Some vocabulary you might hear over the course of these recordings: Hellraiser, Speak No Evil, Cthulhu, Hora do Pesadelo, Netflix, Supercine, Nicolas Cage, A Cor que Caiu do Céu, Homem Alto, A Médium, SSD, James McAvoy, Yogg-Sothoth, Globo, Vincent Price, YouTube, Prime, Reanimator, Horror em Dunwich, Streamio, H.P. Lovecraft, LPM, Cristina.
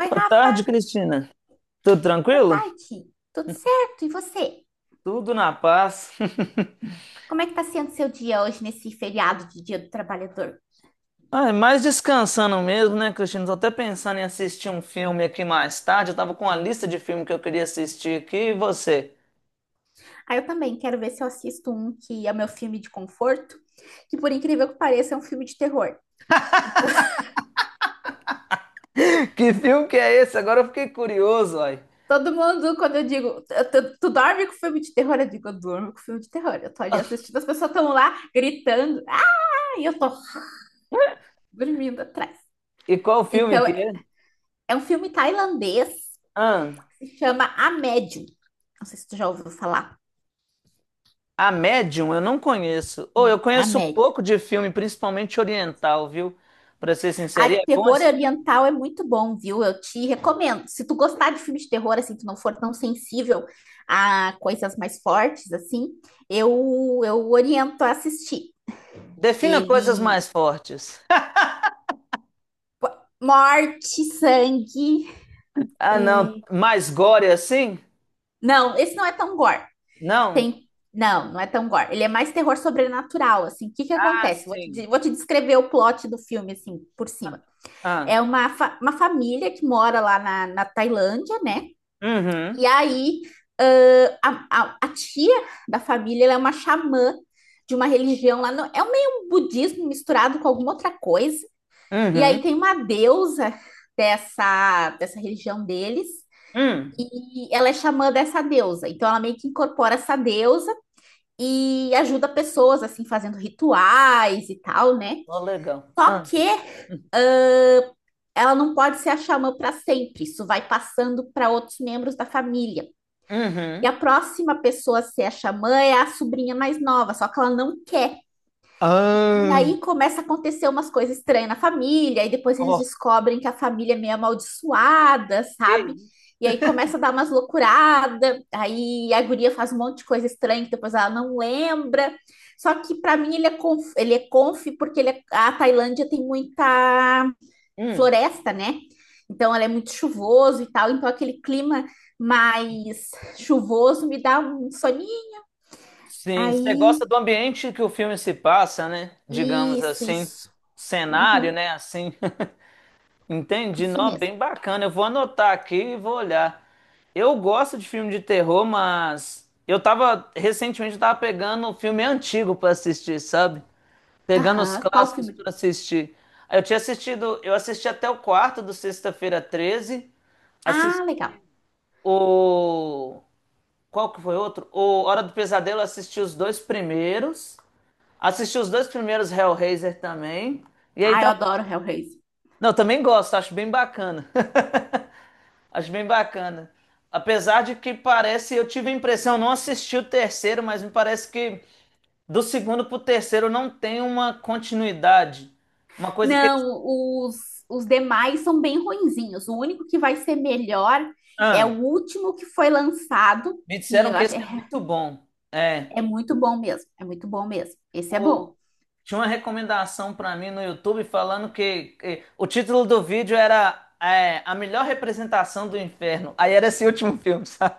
Oi, Boa Rafa, tarde, Cristina. Tudo boa tranquilo? tarde. Tudo certo? E você? Tudo na paz. Como é que tá sendo seu dia hoje nesse feriado de Dia do Trabalhador? Ah, mais descansando mesmo, né, Cristina? Tô até pensando em assistir um filme aqui mais tarde. Eu tava com uma lista de filmes que eu queria assistir aqui. E você? Ah, eu também quero ver se eu assisto um que é o meu filme de conforto, que por incrível que pareça é um filme de terror. Então, Que filme que é esse? Agora eu fiquei curioso, uai. todo mundo, quando eu digo, tu dorme com filme de terror? Eu digo, eu durmo com filme de terror. Eu tô ali assistindo, as pessoas estão lá gritando, ah, e eu tô dormindo atrás. E qual filme Então, que é é? é um filme tailandês Ah, que se chama A Médium. Não sei se tu já ouviu falar. A Medium eu não conheço. É, Ou eu A conheço um Médium. pouco de filme, principalmente oriental, viu? Pra ser Ai, sincero, e o é bom terror esse filme? oriental é muito bom, viu? Eu te recomendo. Se tu gostar de filme de terror, assim, tu não for tão sensível a coisas mais fortes, assim, eu oriento a assistir. Defina coisas Ele... mais fortes. Morte, sangue... Ah, não. é, Mais gore assim? não, esse não é tão gore. Não? Tem... Não, não é tão gore. Ele é mais terror sobrenatural, assim. O que que Ah, acontece? Sim. Vou te descrever o plot do filme, assim, por cima. Ah. É uma, uma família que mora lá na Tailândia, né? E Uhum. aí, a tia da família, ela é uma xamã de uma religião lá, no, é um meio um budismo misturado com alguma outra coisa. E aí Uhum. tem uma deusa dessa religião deles, Hum. e ela é xamã dessa deusa. Então ela meio que incorpora essa deusa e ajuda pessoas, assim, fazendo rituais e tal, né? Ô, legal. Só Ah. que ela não pode ser a xamã para sempre, isso vai passando para outros membros da família. E a Uhum. próxima pessoa a ser a xamã é a sobrinha mais nova, só que ela não quer. E Ah. aí começa a acontecer umas coisas estranhas na família, e depois eles Ok. descobrem que a família é meio amaldiçoada, sabe? E aí começa a dar umas loucuradas, aí a guria faz um monte de coisa estranha que depois ela não lembra. Só que para mim ele é conf porque ele é- a Tailândia tem muita Hum. floresta, né? Então ela é muito chuvoso e tal, então aquele clima mais chuvoso me dá um soninho. Sim, você gosta Aí, do ambiente que o filme se passa, né? Digamos assim, isso. cenário, Uhum, né? Assim, entendi. isso Não, mesmo. bem bacana. Eu vou anotar aqui e vou olhar. Eu gosto de filme de terror, mas eu tava recentemente eu tava pegando um filme antigo pra assistir, sabe? Pegando os Aham. Qual clássicos filme? para assistir. Aí, eu tinha assistido, eu assisti até o quarto do Sexta-feira 13. Assisti Ah, legal. o. Qual que foi outro? O Hora do Pesadelo, eu assisti os dois primeiros. Assisti os dois primeiros Hellraiser também. E aí Ah, eu tá. adoro Hellraiser. Não, também gosto, acho bem bacana. Acho bem bacana. Apesar de que parece, eu tive a impressão, eu não assisti o terceiro, mas me parece que do segundo pro terceiro não tem uma continuidade. Uma coisa que eles. Não, os demais são bem ruinzinhos. O único que vai ser melhor é Ah. o último que foi lançado, Me que disseram eu que acho é, esse é muito bom. É. é muito bom mesmo. É muito bom mesmo. Esse é O- bom. Tinha uma recomendação pra mim no YouTube falando que o título do vídeo era A Melhor Representação do Inferno. Aí era esse último filme, sabe?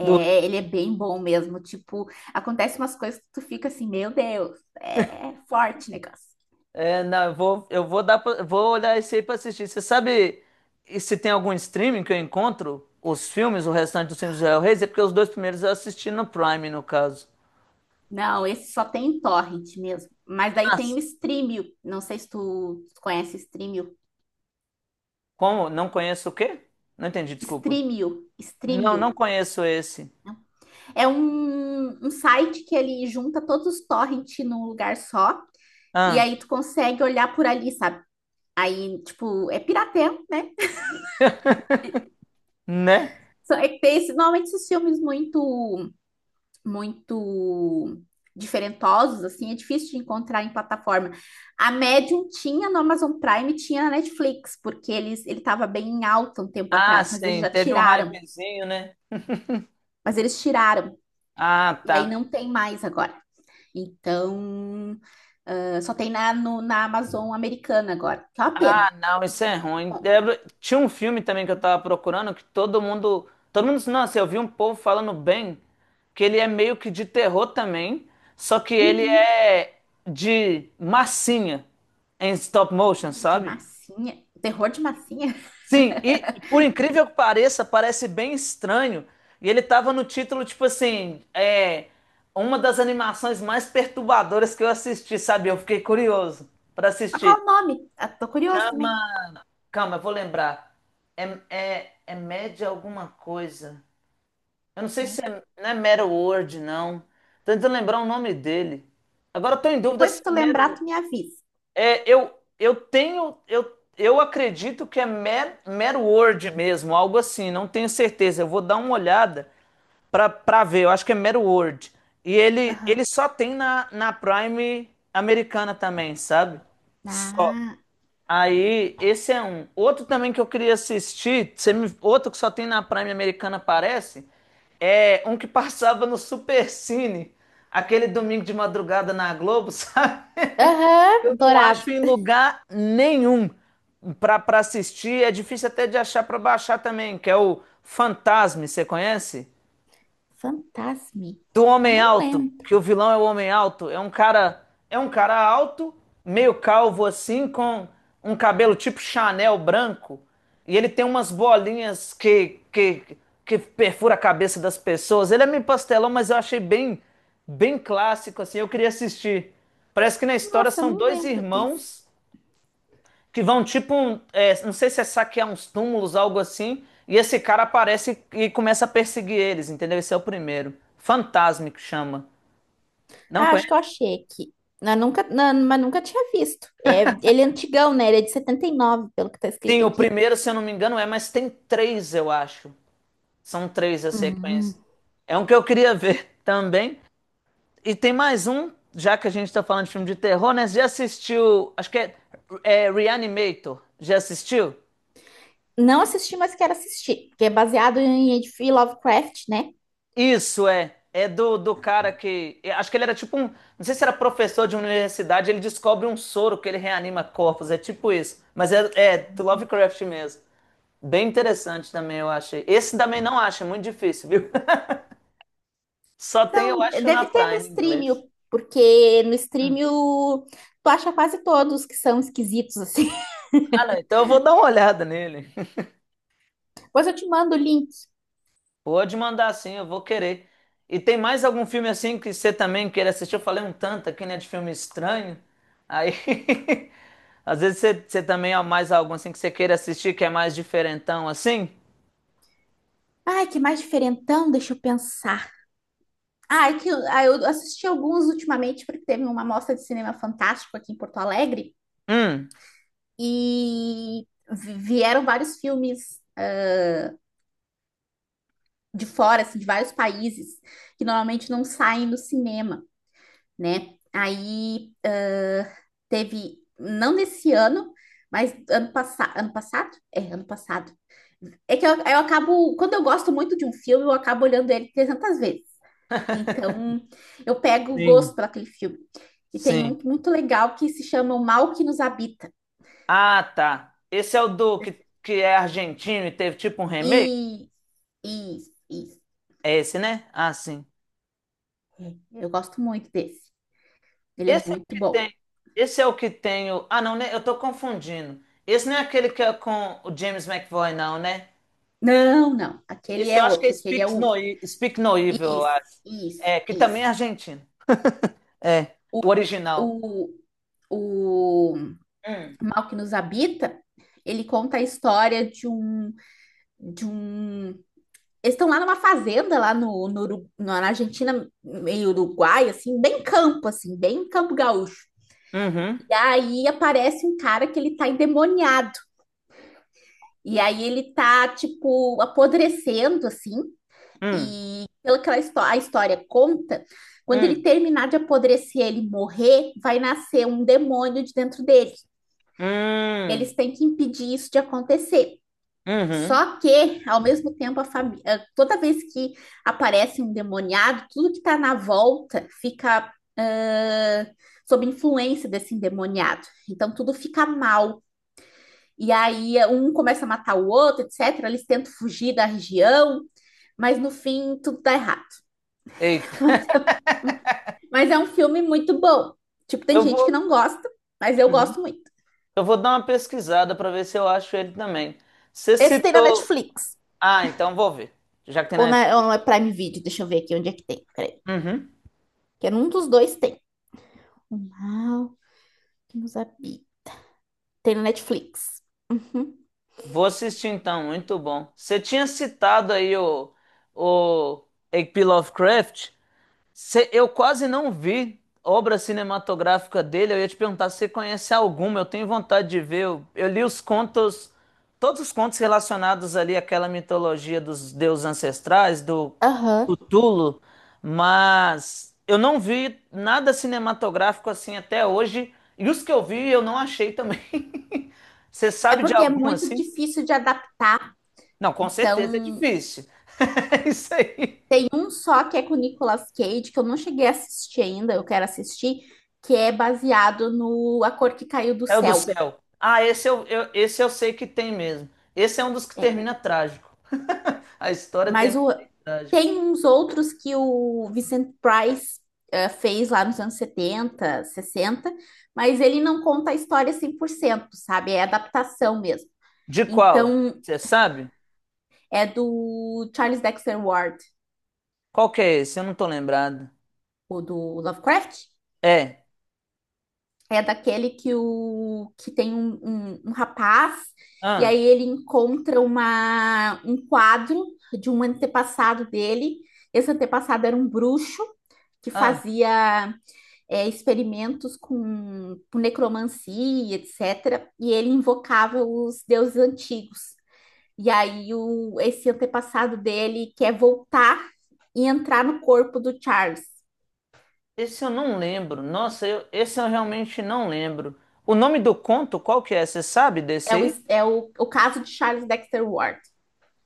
Do, ele é bem bom mesmo. Tipo, acontece umas coisas que tu fica assim, meu Deus, é forte o negócio. é, não, eu vou dar, vou olhar esse aí pra assistir. Você sabe e se tem algum streaming que eu encontro os filmes, o restante dos filmes do Hellraiser? Porque os dois primeiros eu assisti no Prime, no caso. Não, esse só tem em torrent mesmo. Mas daí tem o Mas, Streamio. Não sei se tu conhece Streamio. como? Não conheço o quê? Não entendi, desculpa. Não, não Streamio. conheço esse. É um, um site que ele junta todos os torrents num lugar só. E Ah. aí tu consegue olhar por ali, sabe? Aí, tipo, é pirateio, né? Né? Só é que tem esse- normalmente esses filmes muito diferentosos, assim, é difícil de encontrar em plataforma. A Medium tinha no Amazon Prime, tinha na Netflix, porque ele estava bem em alta um tempo Ah, atrás, mas eles sim, já teve um tiraram. hypezinho, né? Mas eles tiraram. Ah, E aí tá. não tem mais agora. Então, ah, só tem na, no- na Amazon americana agora, que é uma pena. Ah, não, isso Assim, é muito ruim. Bom. Tinha um filme também que eu tava procurando que todo mundo. Todo mundo. Nossa, eu vi um povo falando bem que ele é meio que de terror também, só que ele Uhum, é de massinha em stop motion, de sabe? massinha. Terror de massinha. Sim, e por incrível que pareça, parece bem estranho. E ele tava no título, tipo assim, é uma das animações mais perturbadoras que eu assisti, sabe? Eu fiquei curioso para Mas assistir. qual o nome? Ah, tô curioso Chama. também. Calma, eu vou lembrar. É, é média alguma coisa. Eu não sei Né? se é, não é Mero Word, não. Tô tentando lembrar o nome dele. Agora eu tô em dúvida Depois, se se tu é lembrar, Mero. tu me avisa. É, eu tenho, eu acredito que é Mad word mesmo, algo assim, não tenho certeza. Eu vou dar uma olhada para ver, eu acho que é Mad word. E ele, Aham. ele só tem na, Prime americana também, sabe? Só. Ah, Aí, esse é um. Outro também que eu queria assistir, outro que só tem na Prime americana, parece, é um que passava no Supercine, aquele domingo de madrugada na Globo, sabe? aham, Eu não adorava. acho em lugar nenhum para assistir. É difícil até de achar para baixar também, que é o Fantasme, você conhece? Fantasme. Do Homem Não Alto, lembro. que o vilão é o Homem Alto. É um cara alto, meio calvo assim, com um cabelo tipo Chanel branco, e ele tem umas bolinhas que perfura a cabeça das pessoas. Ele é meio pastelão, mas eu achei bem bem clássico assim. Eu queria assistir. Parece que na história Nossa, são não dois lembro desse. irmãos que vão tipo um, não sei se é saquear uns túmulos, algo assim, e esse cara aparece e começa a perseguir eles, entendeu? Esse é o primeiro. Fantasme que chama. Não Ah, acho que eu conhece? achei aqui. Eu nunca, não, mas nunca tinha visto. É, ele é antigão, né? Ele é de 79, pelo que tá Sim, escrito o aqui. primeiro, se eu não me engano, é, mas tem três, eu acho. São três a Hum. sequência. É um que eu queria ver também. E tem mais um, já que a gente tá falando de filme de terror, né? Você já assistiu, acho que é Reanimator. Já assistiu? Não assisti, mas quero assistir, porque é baseado em H.P. Lovecraft, né? Isso é. É do cara que. Acho que ele era tipo um. Não sei se era professor de universidade, ele descobre um soro que ele reanima corpos. É tipo isso. Mas é do Lovecraft mesmo. Bem interessante também, eu achei. Esse também não acho, é muito difícil, viu? Só Mas tem, eu não, acho, na deve ter no Prime em inglês. stream, porque no stream Hum. o- tu acha quase todos que são esquisitos, assim. Ah, não, então eu vou dar uma olhada nele. Depois eu te mando o link. Pode mandar sim, eu vou querer. E tem mais algum filme assim que você também queira assistir? Eu falei um tanto aqui, né, de filme estranho. Aí, às vezes você também há mais algum assim que você queira assistir que é mais diferentão assim? Ai, que mais diferentão, deixa eu pensar. Ah, eu assisti alguns ultimamente, porque teve uma mostra de cinema fantástico aqui em Porto Alegre, Hum, e vieram vários filmes de fora, assim, de vários países, que normalmente não saem no cinema, né? Aí teve, não desse ano, mas ano passado, ano passado? É, ano passado. É que eu acabo, quando eu gosto muito de um filme, eu acabo olhando ele 300 vezes. Então, eu pego o gosto Sim. por aquele filme. E tem um Sim. muito legal que se chama O Mal que Nos Habita. Ah, tá. Esse é o do que, é argentino e teve tipo um remake? E, e, e É esse, né? Ah, sim. eu gosto muito desse. Ele é Esse é o muito que bom. tem. Esse é o que tem. Ah, não, né? Eu tô confundindo. Esse não é aquele que é com o James McAvoy, não, né? Não, não. Aquele Esse eu é acho que é outro. Aquele é o. Speak No Evil, eu Isso, acho. É, que também é isso. argentino. É, O, o original. o, o Hum. Mal que Nos Habita, ele conta a história de um, de um. Eles estão lá numa fazenda, lá no, no, na Argentina, meio Uruguai, assim, bem campo gaúcho. Uhum. E aí aparece um cara que ele tá endemoniado. E aí ele tá, tipo, apodrecendo, assim. Hum. E pela aquela histó a história conta, quando ele Hum. terminar de apodrecer, ele morrer, vai nascer um demônio de dentro dele. E eles Hum. têm que impedir isso de acontecer. Uhum. Só que, ao mesmo tempo, a família, toda vez que aparece um endemoniado, tudo que está na volta fica sob influência desse endemoniado. Então, tudo fica mal. E aí, um começa a matar o outro, etc. Eles tentam fugir da região, mas no fim, tudo dá errado. Eita. Mas é um filme muito bom. Tipo, tem Eu gente que vou, não gosta, mas eu Uhum. gosto muito. eu vou dar uma pesquisada para ver se eu acho ele também. Você Esse tem na citou. Netflix. Ah, então vou ver. Já que tem na Ou Netflix. no Prime Video, deixa eu ver aqui onde é que tem. Peraí. Uhum. Que é num dos dois tem. O mal Musabi. Tem no Netflix. Uhum. Vou assistir então, muito bom. Você tinha citado aí o H.P. Lovecraft. Eu quase não vi obra cinematográfica dele. Eu ia te perguntar se você conhece alguma. Eu tenho vontade de ver. Eu li os contos, todos os contos relacionados ali àquela mitologia dos deuses ancestrais, do Aham. Cthulhu, mas eu não vi nada cinematográfico assim até hoje. E os que eu vi, eu não achei também. Você É sabe de porque é algum muito assim? difícil de adaptar. Não, com certeza é Então, difícil. É isso aí. tem um só que é com o Nicolas Cage, que eu não cheguei a assistir ainda, eu quero assistir, que é baseado no A Cor que Caiu do É o do Céu. céu. Ah, esse eu sei que tem mesmo. Esse é um dos que É. termina trágico. A história Mas termina o, bem trágica. tem uns outros que o Vincent Price fez lá nos anos 70, 60, mas ele não conta a história 100%, sabe? É adaptação mesmo. De qual? Então, Você sabe? é do Charles Dexter Ward. Qual que é esse? Eu não tô lembrado. O do Lovecraft, É. é daquele que, o, que tem um, um rapaz, e aí Ah, ele encontra um quadro de um antepassado dele. Esse antepassado era um bruxo que ah. fazia experimentos com necromancia, etc. E ele invocava os deuses antigos. E aí o, esse antepassado dele quer voltar e entrar no corpo do Charles. Esse eu não lembro. Nossa, esse eu realmente não lembro. O nome do conto, qual que é? Você sabe desse É o, aí? é o caso de Charles Dexter Ward.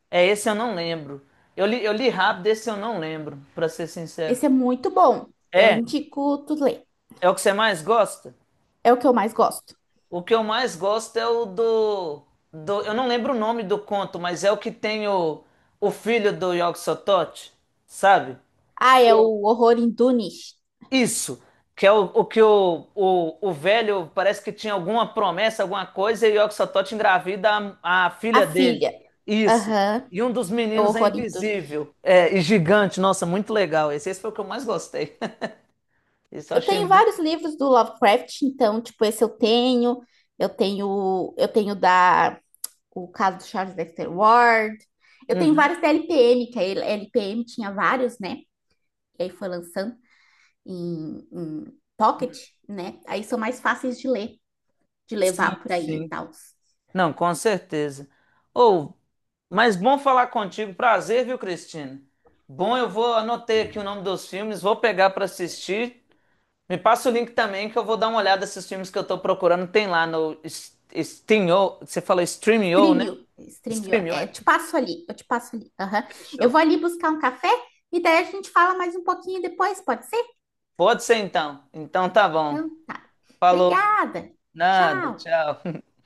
É, esse eu não lembro. Eu li rápido, esse eu não lembro, pra ser sincero. Esse é muito bom. Eu É? indico tu ler. É o que você mais gosta? É o que eu mais gosto. O que eu mais gosto é o do. Eu não lembro o nome do conto, mas é o que tem o filho do Yogg-Sothoth, sabe? Ah, é Eu- o Horror em Dunwich. Isso, que é o que o, velho parece que tinha alguma promessa, alguma coisa, e o Yogg-Sothoth engravida a A filha dele. filha. Isso. Aham, E um dos é o meninos é Horror em Dunwich. invisível. É, e gigante. Nossa, muito legal. Esse foi o que eu mais gostei. Esse eu Eu achei tenho muito. vários livros do Lovecraft, então, tipo, esse eu tenho. Eu tenho da o caso do Charles Dexter Ward. Eu tenho Uhum. vários da LPM, que a LPM tinha vários, né? E aí foi lançando em Pocket, né? Aí são mais fáceis de ler, de Sim, levar por aí e sim. tal. Não, com certeza. Ou, mas bom falar contigo. Prazer, viu, Cristina? Bom, eu vou anotei aqui o nome dos filmes, vou pegar para assistir. Me passa o link também que eu vou dar uma olhada nesses filmes que eu tô procurando. Tem lá no Steamio, você falou Streamio, né? Streamio, streamio. Streamio, É, é. Eu te passo ali. Aham. Eu Fechou. vou ali buscar um café e daí a gente fala mais um pouquinho depois, pode ser? Pode ser então. Então tá bom. Então, tá. Falou. Obrigada. Nada, Tchau. tchau.